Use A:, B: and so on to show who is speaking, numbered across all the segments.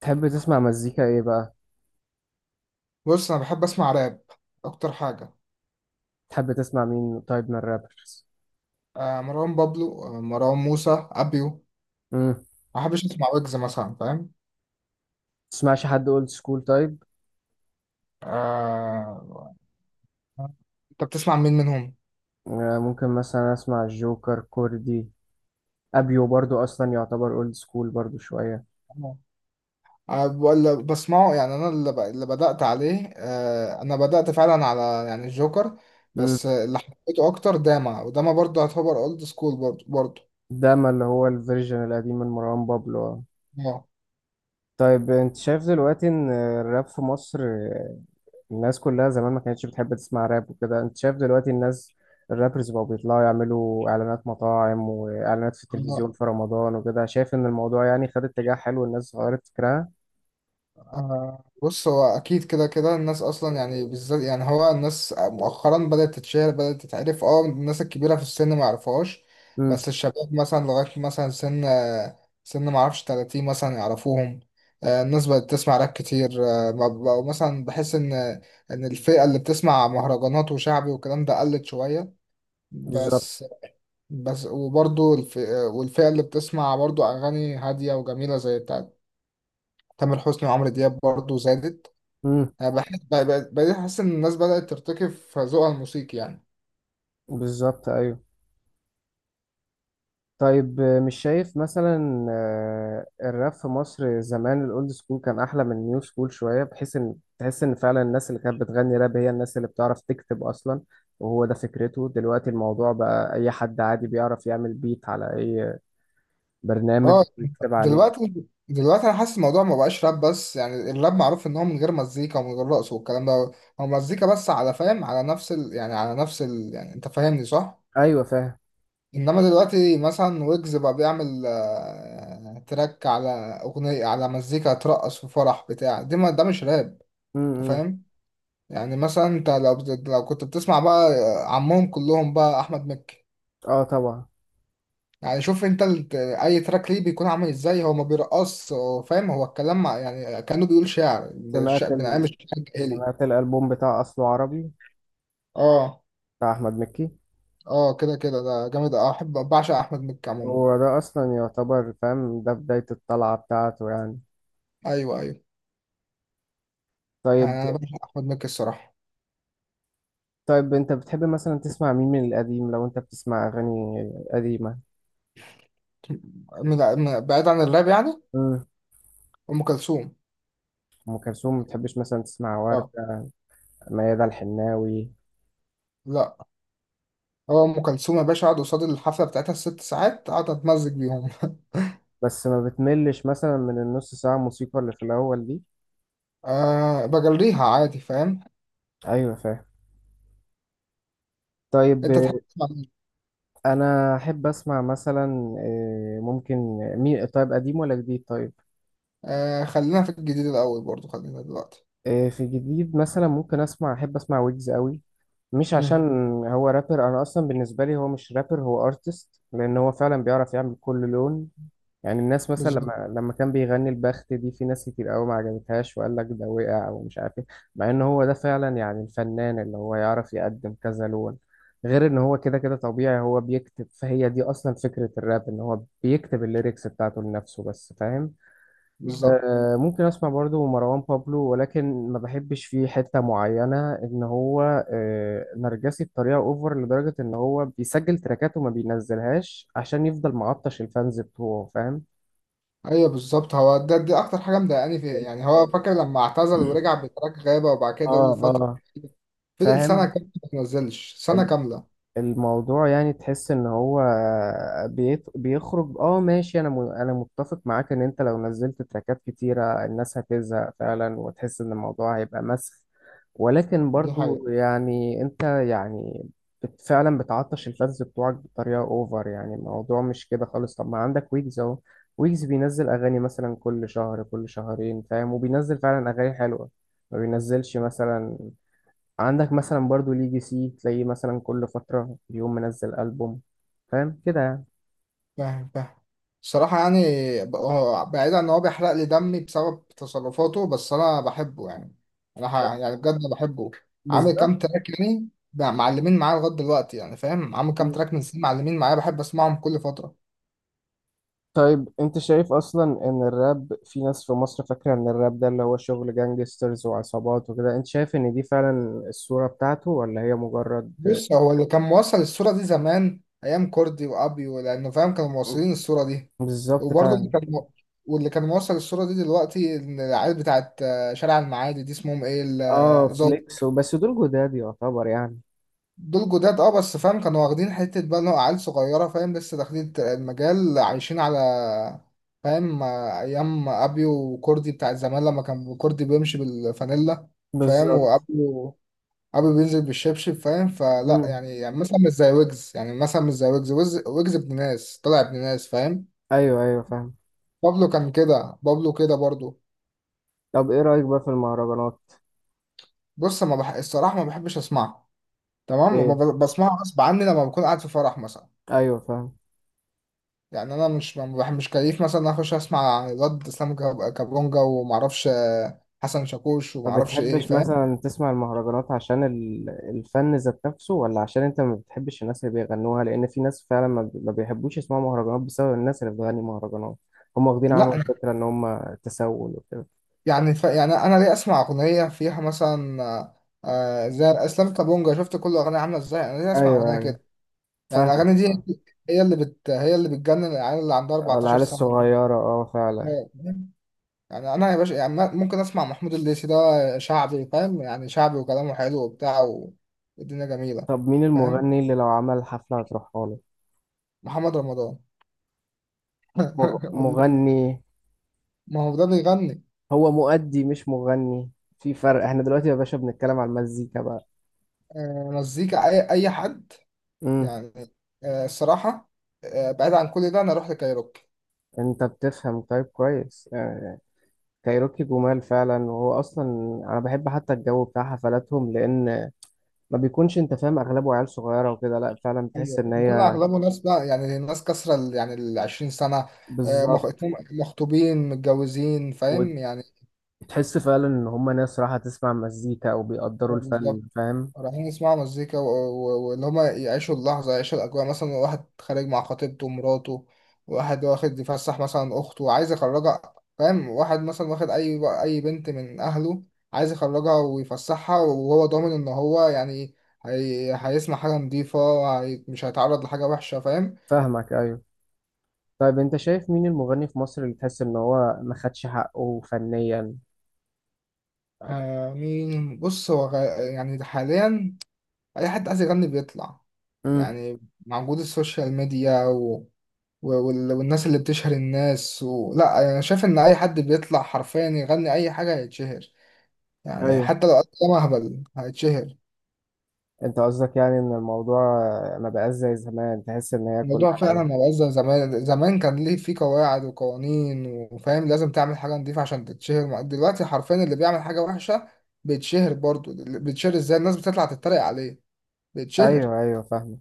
A: تحب تسمع مزيكا ايه بقى؟
B: بص انا بحب اسمع راب اكتر حاجه.
A: تحب تسمع مين طيب من الرابرز؟
B: آه، مروان بابلو، آه، مروان موسى، ابيو.
A: امم.
B: ما بحبش اسمع ويجز مثلا، فاهم؟
A: تسمعش حد اولد سكول طيب؟
B: آه انت بتسمع مين منهم؟
A: ممكن مثلا اسمع الجوكر كوردي. ابيو برضو اصلا يعتبر اولد سكول برضو شويه.
B: آه، ولا بسمعه. يعني انا اللي، اللي بدات عليه، انا بدات فعلا على يعني الجوكر.
A: امم.
B: بس اللي حبيته اكتر داما، وداما برضه يعتبر اولد سكول برضه برضه.
A: ده ما اللي هو الفيرجن القديم من مروان بابلو. طيب، انت شايف دلوقتي ان الراب في مصر، الناس كلها زمان ما كانتش بتحب تسمع راب وكده. انت شايف دلوقتي الناس، الرابرز بقوا بيطلعوا يعملوا اعلانات مطاعم واعلانات في التلفزيون
B: اه.
A: في رمضان وكده، شايف ان الموضوع يعني خد اتجاه حلو، الناس غيرت فكرها.
B: آه، بص، هو اكيد كده كده الناس اصلا، يعني بالذات يعني هو الناس مؤخرا بدات تتشهر، بدات تتعرف. اه الناس الكبيره في السن ما يعرفوهاش،
A: امم.
B: بس الشباب مثلا لغايه مثلا سن ما اعرفش 30 مثلا يعرفوهم. آه، الناس بقت تسمع راب كتير. آه، ما بقوا مثلا. بحس ان ان الفئه اللي بتسمع مهرجانات وشعبي والكلام ده قلت شويه
A: بالظبط.
B: بس. بس وبرضو والفئه اللي بتسمع برضو اغاني هاديه وجميله زي بتاعت تامر حسني وعمرو دياب برضو زادت.
A: امم.
B: انا بحس بقيت احس ان الناس بدأت ترتكب في ذوقها الموسيقي يعني.
A: بالظبط، ايوه. طيب، مش شايف مثلا الراب في مصر زمان الاولد سكول كان احلى من النيو سكول شويه، بحيث ان تحس ان فعلا الناس اللي كانت بتغني راب هي الناس اللي بتعرف تكتب اصلا. وهو ده فكرته دلوقتي، الموضوع بقى اي حد عادي بيعرف يعمل بيت على اي برنامج
B: اه.
A: ويكتب عليه.
B: دلوقتي انا حاسس الموضوع ما بقاش راب بس. يعني الراب معروف ان هو من غير مزيكا ومن غير رقص والكلام ده. هو مزيكا بس على، فاهم، على يعني على يعني انت فاهمني صح؟
A: ايوه، فاهم.
B: انما دلوقتي مثلا ويجز بقى بيعمل آه، تراك على اغنية، على مزيكا ترقص في فرح بتاع دي. ما ده مش راب. انت
A: امم.
B: فاهم؟ يعني مثلا انت لو، لو كنت بتسمع بقى آه، عمهم كلهم بقى احمد مكي.
A: اه، طبعا.
B: يعني شوف انت اي تراك ليه بيكون عامل ازاي. هو ما بيرقص، هو فاهم، هو الكلام، مع يعني كانه بيقول شعر.
A: سمعت
B: من ايام
A: ال...
B: الشعر الجاهلي.
A: سمعت الالبوم بتاع اصله عربي،
B: اه.
A: بتاع احمد مكي.
B: اه، كده كده ده جامد. اه، احب، بعشق احمد مكي عموما.
A: هو ده اصلا يعتبر فاهم ده بداية الطلعة بتاعته يعني.
B: ايوه، ايوه.
A: طيب.
B: انا بعشق احمد مكي الصراحه.
A: طيب، انت بتحب مثلا تسمع مين من القديم لو انت بتسمع اغاني قديمة؟
B: بعيد عن الراب يعني.
A: امم.
B: ام كلثوم.
A: ام كلثوم، ما بتحبش مثلا تسمع
B: اه.
A: وردة؟ ميادة الحناوي؟
B: لا. هو ام كلثوم يا باشا، اقعد قصاد الحفله بتاعتها الست ساعات اقعد اتمزج بيهم.
A: بس ما بتملش مثلا من النص ساعة موسيقى اللي في الاول دي؟
B: أه بجريها عادي، فاهم؟
A: ايوه، فاهم. طيب.
B: انت تحب تسمع مين؟
A: انا احب اسمع مثلا، ممكن، مين طيب قديم ولا جديد طيب؟
B: أه خلينا في الجديد الاول برضو، خلينا دلوقتي.
A: في جديد مثلا ممكن اسمع، احب اسمع ويجز قوي. مش
B: امم.
A: عشان هو رابر، انا اصلا بالنسبه لي هو مش رابر، هو ارتست لان هو فعلا بيعرف يعمل كل لون. يعني الناس مثلا
B: بالظبط.
A: لما كان بيغني البخت دي في ناس كتير قوي ما عجبتهاش وقال لك ده وقع ومش عارف ايه. مع ان هو ده فعلا يعني الفنان اللي هو يعرف يقدم كذا لون، غير ان هو كده كده طبيعي هو بيكتب، فهي دي اصلا فكرة الراب ان هو بيكتب الليركس بتاعته لنفسه بس، فاهم.
B: بالظبط
A: آه، ممكن اسمع برضو مروان بابلو، ولكن ما بحبش فيه حتة معينة ان هو آه نرجسي بطريقة اوفر، لدرجة ان هو بيسجل تراكاته وما بينزلهاش عشان يفضل معطش الفانز بتوعه، فاهم.
B: ايوه. بالظبط، هو ده، دي اكتر حاجه مضايقاني فيه. يعني هو
A: ال-
B: فاكر لما اعتزل ورجع بتراك غابه، وبعد
A: اه،
B: كده اول فتره
A: اه،
B: فضل سنه
A: فاهم.
B: كامله ما نزلش، سنه كامله.
A: الموضوع يعني تحس ان هو بيخرج. اه، ماشي، انا متفق معاك ان انت لو نزلت تراكات كتيرة الناس هتزهق فعلا وتحس ان الموضوع هيبقى مسخ. ولكن
B: دي
A: برضو
B: حقيقه.
A: يعني انت يعني فعلا بتعطش الفانز بتوعك بطريقة اوفر، يعني الموضوع مش كده خالص. طب ما عندك ويجز اهو، ويجز بينزل اغاني مثلا كل شهر كل شهرين، فاهم، وبينزل فعلا اغاني حلوة، ما بينزلش مثلا. عندك مثلا برضو ليجي سي، تلاقيه مثلا كل فترة يوم منزل ألبوم، فاهم كده يعني.
B: فاهم، فاهم. الصراحه يعني، هو بعيدا ان هو بيحرق لي دمي بسبب تصرفاته، بس انا بحبه. يعني انا ح- يعني بجد بحبه. عامل
A: بالظبط.
B: كام تراك يعني بقى معلمين معايا لغايه دلوقتي، يعني فاهم، عامل كام
A: مم.
B: تراك من سنين معلمين معايا، بحب اسمعهم كل فتره.
A: طيب، انت شايف اصلا ان الراب في ناس في مصر فاكرة ان الراب ده اللي هو شغل جانجسترز وعصابات وكده، انت شايف ان دي فعلا الصورة بتاعته ولا هي مجرد؟
B: بص، هو اللي كان موصل الصورة دي زمان أيام كوردي وأبيو، لأنه فاهم كانوا موصلين الصورة دي.
A: بالظبط،
B: وبرضه
A: فعلا.
B: واللي كان موصل الصورة دي دلوقتي إن العيال بتاعت آه، شارع المعادي دي اسمهم إيه
A: اه، فليكس وبس، دول جداد يعتبر يعني.
B: دول جداد أه. بس فاهم كانوا واخدين حتة بقى إن هو عيال صغيرة، فاهم، لسه داخلين المجال، عايشين على، فاهم، آه، أيام أبيو وكوردي بتاعت زمان لما كان كوردي بيمشي بالفانيلا، فاهم،
A: بالظبط.
B: وأبيو، ابي بينزل بالشبشب، فاهم. فلا
A: مم.
B: يعني، يعني مثلا مش زي ويجز، يعني مثلا مش زي ويجز. ويجز ابن ناس، طلع ابن ناس، فاهم.
A: ايوه، ايوه، فاهم.
B: بابلو كان كده، بابلو كده برضو.
A: طب ايه رأيك بقى في المهرجانات؟
B: بص، ما بح... الصراحه ما بحبش اسمعه. تمام، ما
A: ايه،
B: ب- بسمعه غصب عني لما بكون قاعد في فرح مثلا.
A: ايوه، فاهم.
B: يعني انا مش ما بح... مش كيف مثلا اخش اسمع الواد اسلام كابونجا ومعرفش آه، حسن شاكوش
A: ما
B: ومعرفش ايه،
A: بتحبش
B: فاهم.
A: مثلا تسمع المهرجانات عشان الفن ذات نفسه، ولا عشان انت ما بتحبش الناس اللي بيغنوها؟ لان في ناس فعلا ما بيحبوش يسمعوا مهرجانات بسبب الناس اللي بتغني مهرجانات، هم واخدين عنهم
B: لا.
A: فكرة ان هم تسول وكده.
B: يعني يعني انا ليه اسمع اغنيه فيها مثلا زي اسلام كابونجا، شفت كل اغنيه عامله ازاي؟ انا ليه اسمع
A: ايوه،
B: اغنيه
A: ايوه،
B: كده؟ يعني
A: فاهم.
B: الاغاني دي هي اللي بتجنن العيال اللي عندها 14
A: العيال
B: سنه دي.
A: الصغيرة، اه، فعلا.
B: يعني انا يا باشا، يعني ممكن اسمع محمود الليثي ده، شعبي فاهم، يعني شعبي وكلامه حلو وبتاع، والدنيا جميله.
A: طب مين
B: فاهم.
A: المغني اللي لو عمل حفلة هتروحها له؟
B: محمد رمضان. والله
A: مغني؟
B: ما هو ده بيغني.
A: هو مؤدي مش مغني، في فرق. احنا دلوقتي يا باشا بنتكلم على المزيكا بقى.
B: آه، مزيكا اي حد،
A: امم.
B: يعني آه، الصراحه آه، بعيد عن كل ده انا اروح لكايروكي.
A: انت بتفهم طيب كويس يعني، كايروكي جمال فعلا. وهو اصلا، انا بحب حتى الجو بتاع حفلاتهم، لان ما بيكونش انت فاهم اغلبه عيال صغيره وكده، لا فعلا بتحس
B: ايوه
A: ان
B: بيكون
A: هي.
B: اغلبه ناس بقى، يعني ناس كسرى يعني ال 20 سنه، آه،
A: بالظبط.
B: اتنين مخطوبين، متجوزين، فاهم يعني.
A: وتحس فعلا ان هم ناس راحه تسمع مزيكا او بيقدروا
B: بالظبط.
A: الفن، فاهم.
B: رايحين يسمعوا مزيكا، واللي هما يعيشوا اللحظة، يعيشوا الأجواء. مثلا واحد خارج مع خطيبته ومراته، واحد واخد يفسح مثلا أخته وعايز يخرجها، فاهم، واحد مثلا واخد أي بنت من أهله عايز يخرجها ويفسحها، وهو ضامن إن هو يعني هيسمع حاجة نضيفة، مش هيتعرض لحاجة وحشة، فاهم.
A: فاهمك، ايوه. طيب، انت شايف مين المغني في مصر اللي تحس ان هو ما خدش حقه فنيا؟
B: آه مين؟ بص، يعني حاليا أي حد عايز يغني بيطلع،
A: امم.
B: يعني مع وجود السوشيال ميديا والناس اللي بتشهر الناس و... لا، يعني انا شايف ان اي حد بيطلع حرفيا يغني اي حاجه هيتشهر، يعني
A: ايوه.
B: حتى لو قدم اهبل هيتشهر.
A: انت قصدك يعني ان الموضوع ما بقاش زي زمان، تحس ان هي كل
B: الموضوع
A: حاجه؟
B: فعلا ما بقاش زي زمان. زمان كان ليه في قواعد وقوانين، وفاهم لازم تعمل حاجه نضيفه عشان تتشهر. دلوقتي حرفيا اللي بيعمل حاجه وحشه بيتشهر برضه. اللي بيتشهر ازاي؟ الناس بتطلع تتريق عليه، بيتشهر،
A: ايوه، ايوه، فاهم.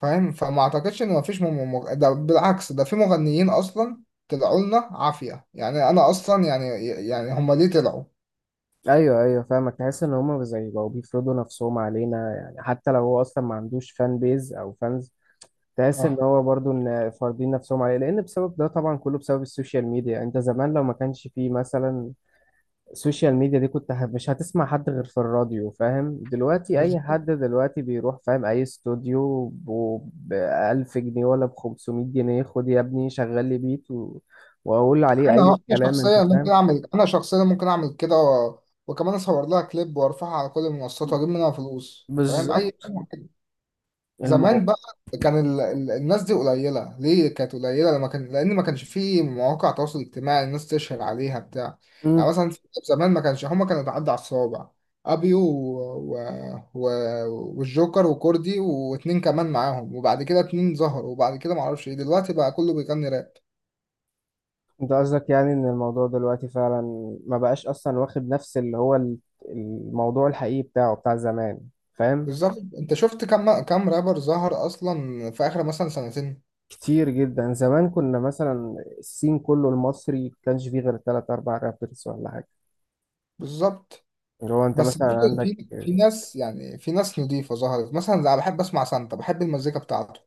B: فاهم. فما اعتقدش ان مفيش ده بالعكس ده في مغنيين اصلا طلعوا لنا عافيه. يعني انا اصلا يعني، يعني هم ليه طلعوا؟
A: ايوه، ايوه، فاهمك، تحس ان هما زي بقوا بيفرضوا نفسهم علينا، يعني حتى لو هو اصلا ما عندوش فان بيز او فانز، تحس ان
B: آه.
A: هو برضو ان فارضين نفسهم عليه. لان بسبب ده طبعا كله بسبب السوشيال ميديا، انت زمان لو ما كانش فيه مثلا السوشيال ميديا دي مش هتسمع حد غير في الراديو، فاهم. دلوقتي اي
B: بالظبط.
A: حد دلوقتي بيروح فاهم اي استوديو ب 1000 جنيه ولا ب 500 جنيه، خد يا ابني شغل لي بيت واقول عليه
B: انا
A: اي
B: انا
A: كلام، انت
B: شخصيا ممكن
A: فاهم.
B: اعمل انا شخصيا ممكن اعمل كده، و... وكمان اصور لها كليب وارفعها على كل المنصات واجيب منها فلوس، فاهم، اي
A: بالظبط.
B: حاجة كده. زمان
A: الموضوع.
B: بقى كان الناس دي قليله. ليه كانت قليله؟ لما كان، لان ما كانش في مواقع تواصل اجتماعي الناس تشهر عليها بتاع. يعني مثلا زمان ما كانش، هما كانوا بيعدوا على الصوابع: ابيو و... والجوكر وكوردي واتنين كمان معاهم، وبعد كده اتنين ظهروا، وبعد كده معرفش ايه، دلوقتي بقى كله بيغني راب.
A: انت قصدك يعني ان الموضوع دلوقتي فعلا ما بقاش اصلا واخد نفس اللي هو الموضوع الحقيقي بتاعه بتاع زمان، فاهم.
B: بالظبط. انت شفت كم رابر ظهر اصلا في اخر مثلا سنتين؟
A: كتير جدا، زمان كنا مثلا السين كله المصري كانش فيه غير تلات اربع رابرز ولا حاجه،
B: بالظبط.
A: اللي هو انت
B: بس
A: مثلا
B: برضه
A: عندك.
B: في ناس، يعني في ناس نضيفة ظهرت، مثلا انا بحب اسمع سانتا، بحب المزيكا بتاعته.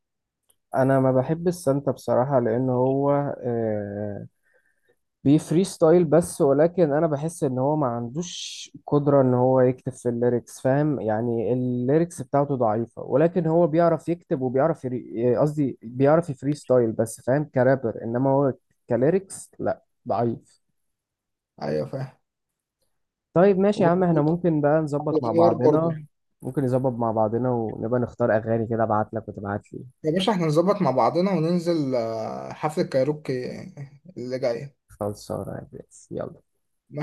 A: انا ما بحب السانتا بصراحه لان هو آه، بيفري ستايل بس، ولكن انا بحس ان هو ما عندوش قدرة ان هو يكتب في الليركس، فاهم. يعني الليركس بتاعته ضعيفة، ولكن هو بيعرف يكتب وبيعرف قصدي بيعرف يفري ستايل بس، فاهم، كرابر، انما هو كليركس لا، ضعيف.
B: ايوه فاهم.
A: طيب ماشي يا عم، احنا
B: وبرضه
A: ممكن بقى
B: عبد
A: نظبط مع
B: الانوار برضه.
A: بعضنا، ممكن نظبط مع بعضنا ونبقى نختار اغاني كده، ابعت لك وتبعت لي.
B: يا باشا، احنا نظبط مع بعضنا وننزل آه، حفلة كايروكي اللي جاية.
A: خلصانه يا برنس. يلا
B: ماشي.